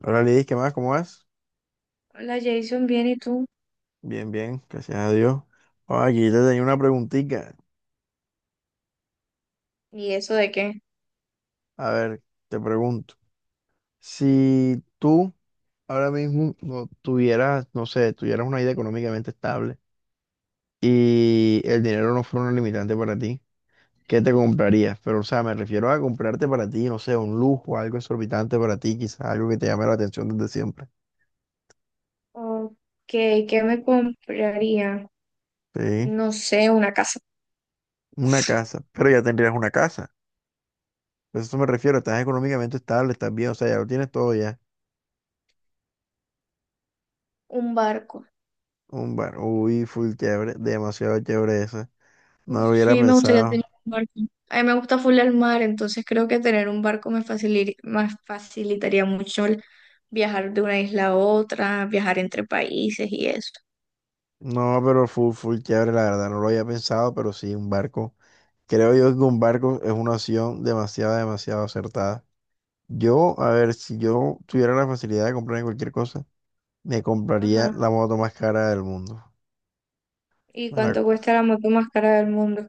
Hola Lidis, ¿qué más? ¿Cómo vas? Hola Jason, bien, ¿y tú? Bien, bien, gracias a Dios. Ah, aquí te tenía una preguntita. ¿Y eso de qué? A ver, te pregunto. Si tú ahora mismo no tuvieras, no sé, tuvieras una vida económicamente estable y el dinero no fuera un limitante para ti, ¿qué te comprarías? Pero, o sea, me refiero a comprarte para ti, no sé, un lujo, algo exorbitante para ti, quizás algo que te llame la atención desde siempre. Ok, ¿qué me compraría? Sí, No sé, una casa, una casa, pero ya tendrías una casa. Pues a eso me refiero, estás económicamente estable, estás bien, o sea, ya lo tienes todo ya. un barco. Un bar. Uy, full chévere. Demasiado chévere esa. No lo hubiera Sí, me gustaría tener pensado. un barco. A mí me gusta full el mar, entonces creo que tener un barco me facilitaría mucho el viajar de una isla a otra, viajar entre países y eso. No, pero full, full chévere, la verdad. No lo había pensado, pero sí, un barco. Creo yo que un barco es una opción demasiado, demasiado acertada. Yo, a ver, si yo tuviera la facilidad de comprarme cualquier cosa, me compraría Ajá. la moto más cara del mundo. ¿Y Me la- cuánto cuesta la moto más cara del mundo?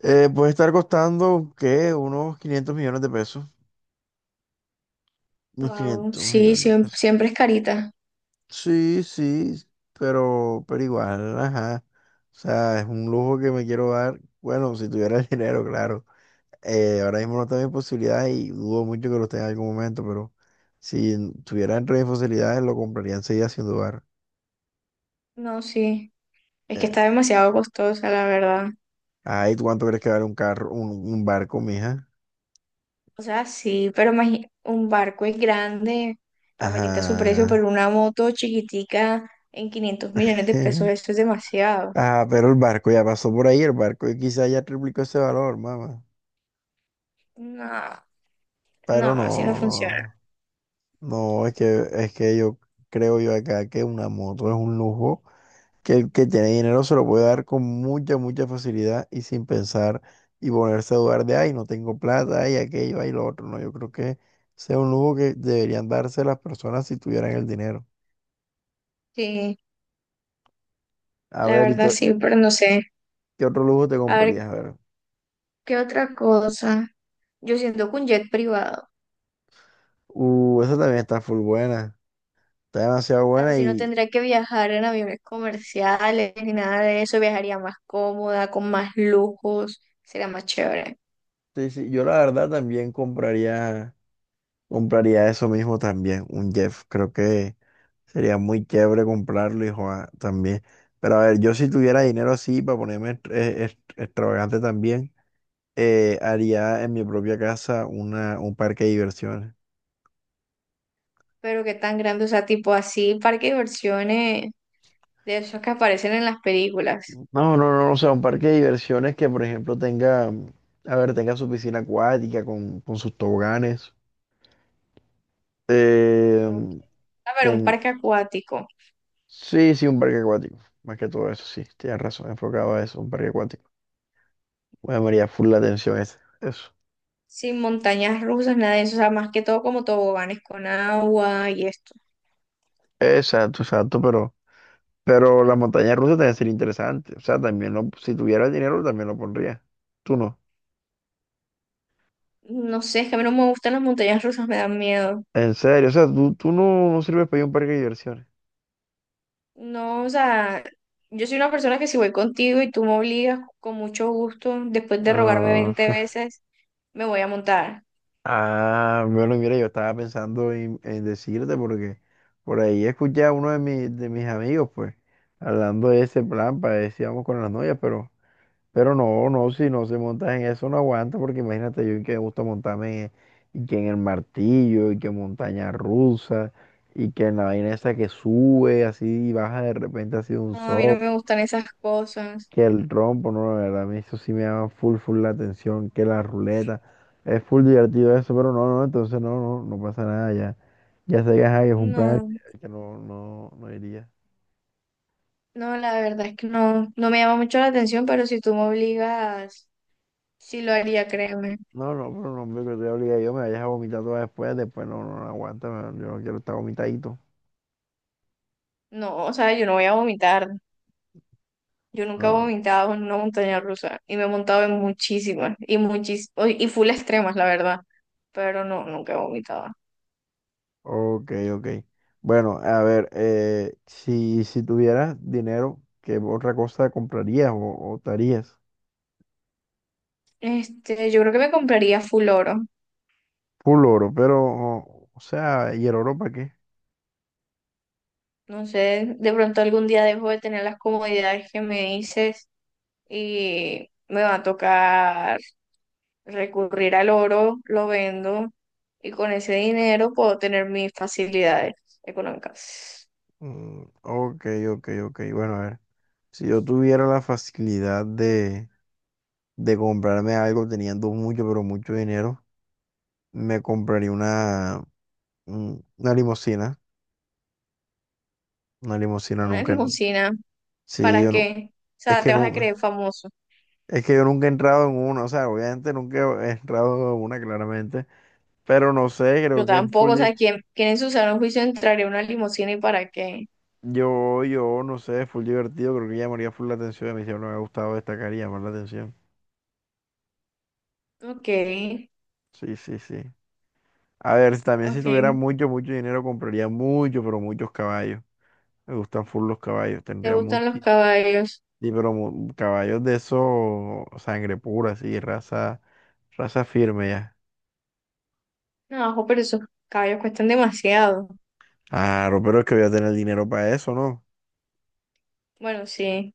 Puede estar costando, ¿qué? Unos 500 millones de pesos. Unos Wow, 500 sí, millones de pesos. siempre es carita. Sí, sí, pero igual, ajá. O sea, es un lujo que me quiero dar. Bueno, si tuviera el dinero, claro. Ahora mismo no tengo mis posibilidades y dudo mucho que lo tenga en algún momento, pero si tuviera entre mis posibilidades, lo compraría enseguida sin dudar. No, sí, es que está Eh, demasiado costosa, la verdad. Ay, ¿tú ¿cuánto crees que vale un carro, un barco, mija? O sea, sí, pero un barco es grande, amerita su precio, pero Ajá. una moto chiquitica en 500 millones de pesos, eso es demasiado. Ah, pero el barco ya pasó por ahí, el barco y quizá ya triplicó ese valor, mamá. No, no, Pero así no no, funciona. no. No, es que yo creo yo acá que una moto es un lujo que el que tiene dinero se lo puede dar con mucha, mucha facilidad y sin pensar y ponerse a dudar de, ay, no tengo plata, ay, aquello, ay, lo otro. No, yo creo que sea un lujo que deberían darse las personas si tuvieran el dinero. Sí, A la ver, ¿y qué, verdad sí, pero no sé. qué otro lujo te A ver, comprarías? A ver. ¿qué otra cosa? Yo siento que un jet privado, Esa también está full buena. Está demasiado buena así no y tendría que viajar en aviones comerciales ni nada de eso, viajaría más cómoda, con más lujos, sería más chévere. sí, sí, yo la verdad también compraría, eso mismo también, un Jeff. Creo que... Sería muy chévere comprarlo, hijo, ah, también. Pero a ver, yo si tuviera dinero así para ponerme extravagante también, haría en mi propia casa un parque de diversiones. Pero qué tan grande, o sea, tipo así, parque de diversiones de esos que aparecen en las películas. No, no, no, o sea, un parque de diversiones que, por ejemplo, tenga, a ver, tenga su piscina acuática con, sus toboganes. Eh, Ok. A ver, un ten... parque acuático, Sí, sí, un parque acuático. Más que todo eso, sí, tienes razón, enfocado a eso, un parque acuático. Bueno, me llamaría full la atención ese. Eso. sin montañas rusas, nada de eso, o sea, más que todo como toboganes con agua y esto. Exacto, exacto, pero... Pero la montaña rusa también sería interesante. O sea, también lo, si tuviera el dinero, también lo pondría. Tú no. No sé, es que a mí no me gustan las montañas rusas, me dan miedo. En serio, o sea, tú no, no sirves para ir a un parque de diversiones. No, o sea, yo soy una persona que si voy contigo y tú me obligas con mucho gusto, después de rogarme Ah, 20 veces, me voy a montar. ah, bueno, mira, yo estaba pensando en decirte porque por ahí escuché a uno de mis amigos, pues, hablando de ese plan para ver si vamos con las novias, pero no, no, si no se monta en eso, no aguanta, porque imagínate yo que me gusta montarme y que en el martillo, y que montaña rusa, y que en la vaina esa que sube así y baja de repente así de un No, a mí no sol, me gustan esas cosas. que el trompo, no, la verdad, a mí eso sí me llama full, full la atención, que la ruleta, es full divertido eso, pero no, no, entonces no, no, no pasa nada, ya, ya sé que ajá, que es un plan No, que no, no, no iría. no, la verdad es que no, no me llama mucho la atención, pero si tú me obligas... Sí lo haría, créeme. No, no, pero no, hombre, que te obliga yo me vayas a vomitar todas después, no, no, no aguanta, yo no quiero estar vomitadito. No, o sea, yo no voy a vomitar. Yo nunca he Ah, vomitado en una montaña rusa y me he montado en muchísimas y y full extremas, la verdad. Pero no, nunca he vomitado. ok, ok. Bueno, a ver, si tuvieras dinero, ¿qué otra cosa comprarías o te harías? Este, yo creo que me compraría full oro. Full oro, pero, o sea, ¿y el oro para qué? No sé, de pronto algún día dejo de tener las comodidades que me dices y me va a tocar recurrir al oro, lo vendo y con ese dinero puedo tener mis facilidades económicas. Mm, ok, ok, ok. Bueno, a ver, si yo tuviera la facilidad de comprarme algo teniendo mucho, pero mucho dinero, me compraría una limusina. Una limusina Una nunca. limusina. Sí, ¿Para yo no. qué? O Es sea, que te vas a no. creer famoso. Es que yo nunca he entrado en uno, o sea, obviamente nunca he entrado en una claramente, pero no sé, Yo creo que es tampoco, o sea, ¿quién, quién en su sano juicio entraría a una limusina y para qué? yo, no sé, es full divertido, creo que llamaría full la atención, a mí siempre me ha gustado destacar y llamar la atención. Ok, Sí, sí, sí. A ver, si también si ok. tuviera mucho, mucho dinero, compraría mucho, pero muchos caballos. Me gustan full los caballos, ¿Te tendría gustan los muchos, caballos? sí, caballos de esos, sangre pura, sí, raza firme ya. No, ojo, pero esos caballos cuestan demasiado. Claro, pero es que voy a tener dinero para eso, ¿no? Bueno, sí,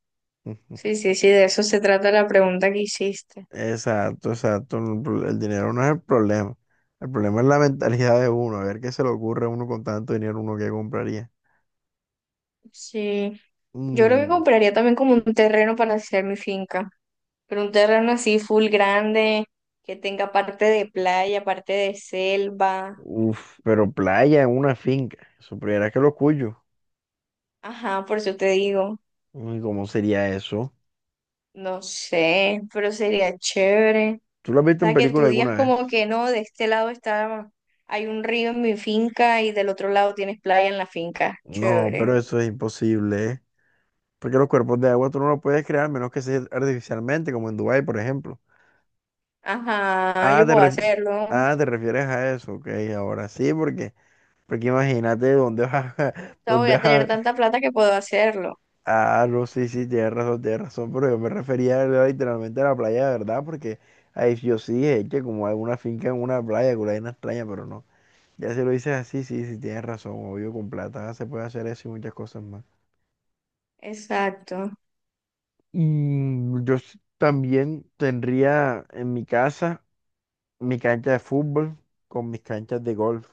sí, sí, sí, de eso se trata la pregunta que hiciste. Exacto, exacto. El dinero no es el problema. El problema es la mentalidad de uno. A ver qué se le ocurre a uno con tanto dinero, uno que compraría. Sí. Yo creo que Mm, compraría también como un terreno para hacer mi finca, pero un terreno así full grande, que tenga parte de playa, parte de selva. Uf, pero playa en una finca. Supieras que lo cuyo. Ajá, por eso te digo. Uy, ¿cómo sería eso? No sé, pero sería chévere. O ¿Tú lo has visto en sea, que tú película digas alguna vez? como que no, de este lado está, hay un río en mi finca y del otro lado tienes playa en la finca. No, pero Chévere. eso es imposible, ¿eh? Porque los cuerpos de agua tú no los puedes crear menos que sea artificialmente, como en Dubái, por ejemplo. Ajá, Ah, yo puedo hacerlo. O te refieres a eso. Ok, ahora sí, porque, imagínate dónde vas sea, ¿Dónde voy a tener vas? tanta plata que puedo hacerlo. Ah, no, sí, sí, tienes razón, pero yo me refería, ¿verdad? Literalmente a la playa, ¿verdad? Porque ahí yo sí es que como hay una finca en una playa, que hay una vaina extraña, pero no. Ya si lo dices así, sí, sí, tienes razón, obvio, con plata se puede hacer eso y muchas cosas más. Exacto. Y yo también tendría en mi casa mi cancha de fútbol con mis canchas de golf,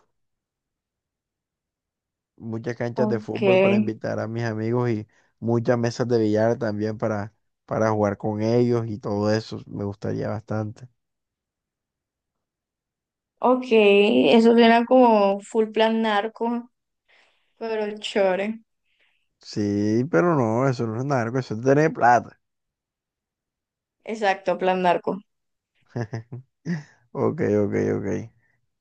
muchas canchas de Ok, fútbol para invitar a mis amigos y muchas mesas de billar también para jugar con ellos y todo eso, me gustaría bastante. ok. Eso suena como full plan narco, pero chévere. Sí, pero no, eso no es nada, eso es tener plata. Exacto, plan narco. Ok, ok, ok.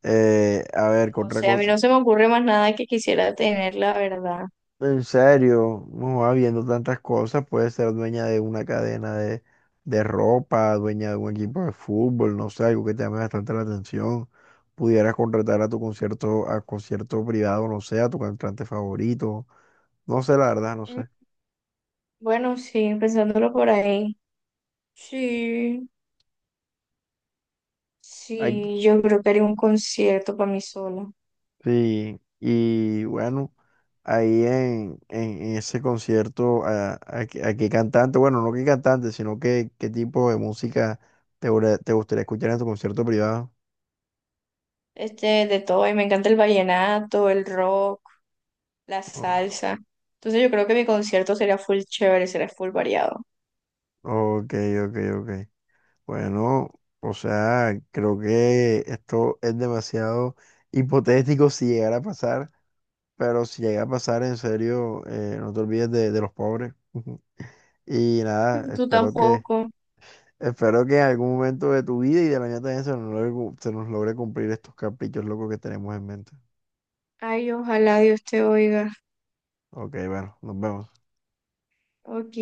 A ver, ¿qué No otra sé, a mí cosa. no se me ocurre más nada que quisiera tener, la verdad. En serio, no va viendo tantas cosas, puede ser dueña de una cadena de ropa, dueña de un equipo de fútbol, no sé, algo que te llame bastante la atención. Pudieras contratar a tu concierto, a concierto privado, no sé, a tu cantante favorito. No sé, la verdad, no Mm. sé. Bueno, sí, pensándolo por ahí. Sí, Ay, sí, yo creo que haría un concierto para mí sola. sí, y bueno, ahí en ese concierto a, a qué cantante, bueno, no qué cantante, sino qué tipo de música te gustaría escuchar en tu concierto privado. Este, de todo, y me encanta el vallenato, el rock, la Oh, salsa. Entonces yo creo que mi concierto sería full chévere, sería full variado. ok, ok, ok. Bueno, o sea, creo que esto es demasiado hipotético si llegara a pasar, pero si llega a pasar, en serio, no te olvides de los pobres. Y nada, Tú espero que... tampoco. Espero que en algún momento de tu vida y de la mía también se nos logre, se nos logre cumplir estos caprichos locos que tenemos en mente. Ay, ojalá Dios te oiga. Ok, bueno, nos vemos. Ok.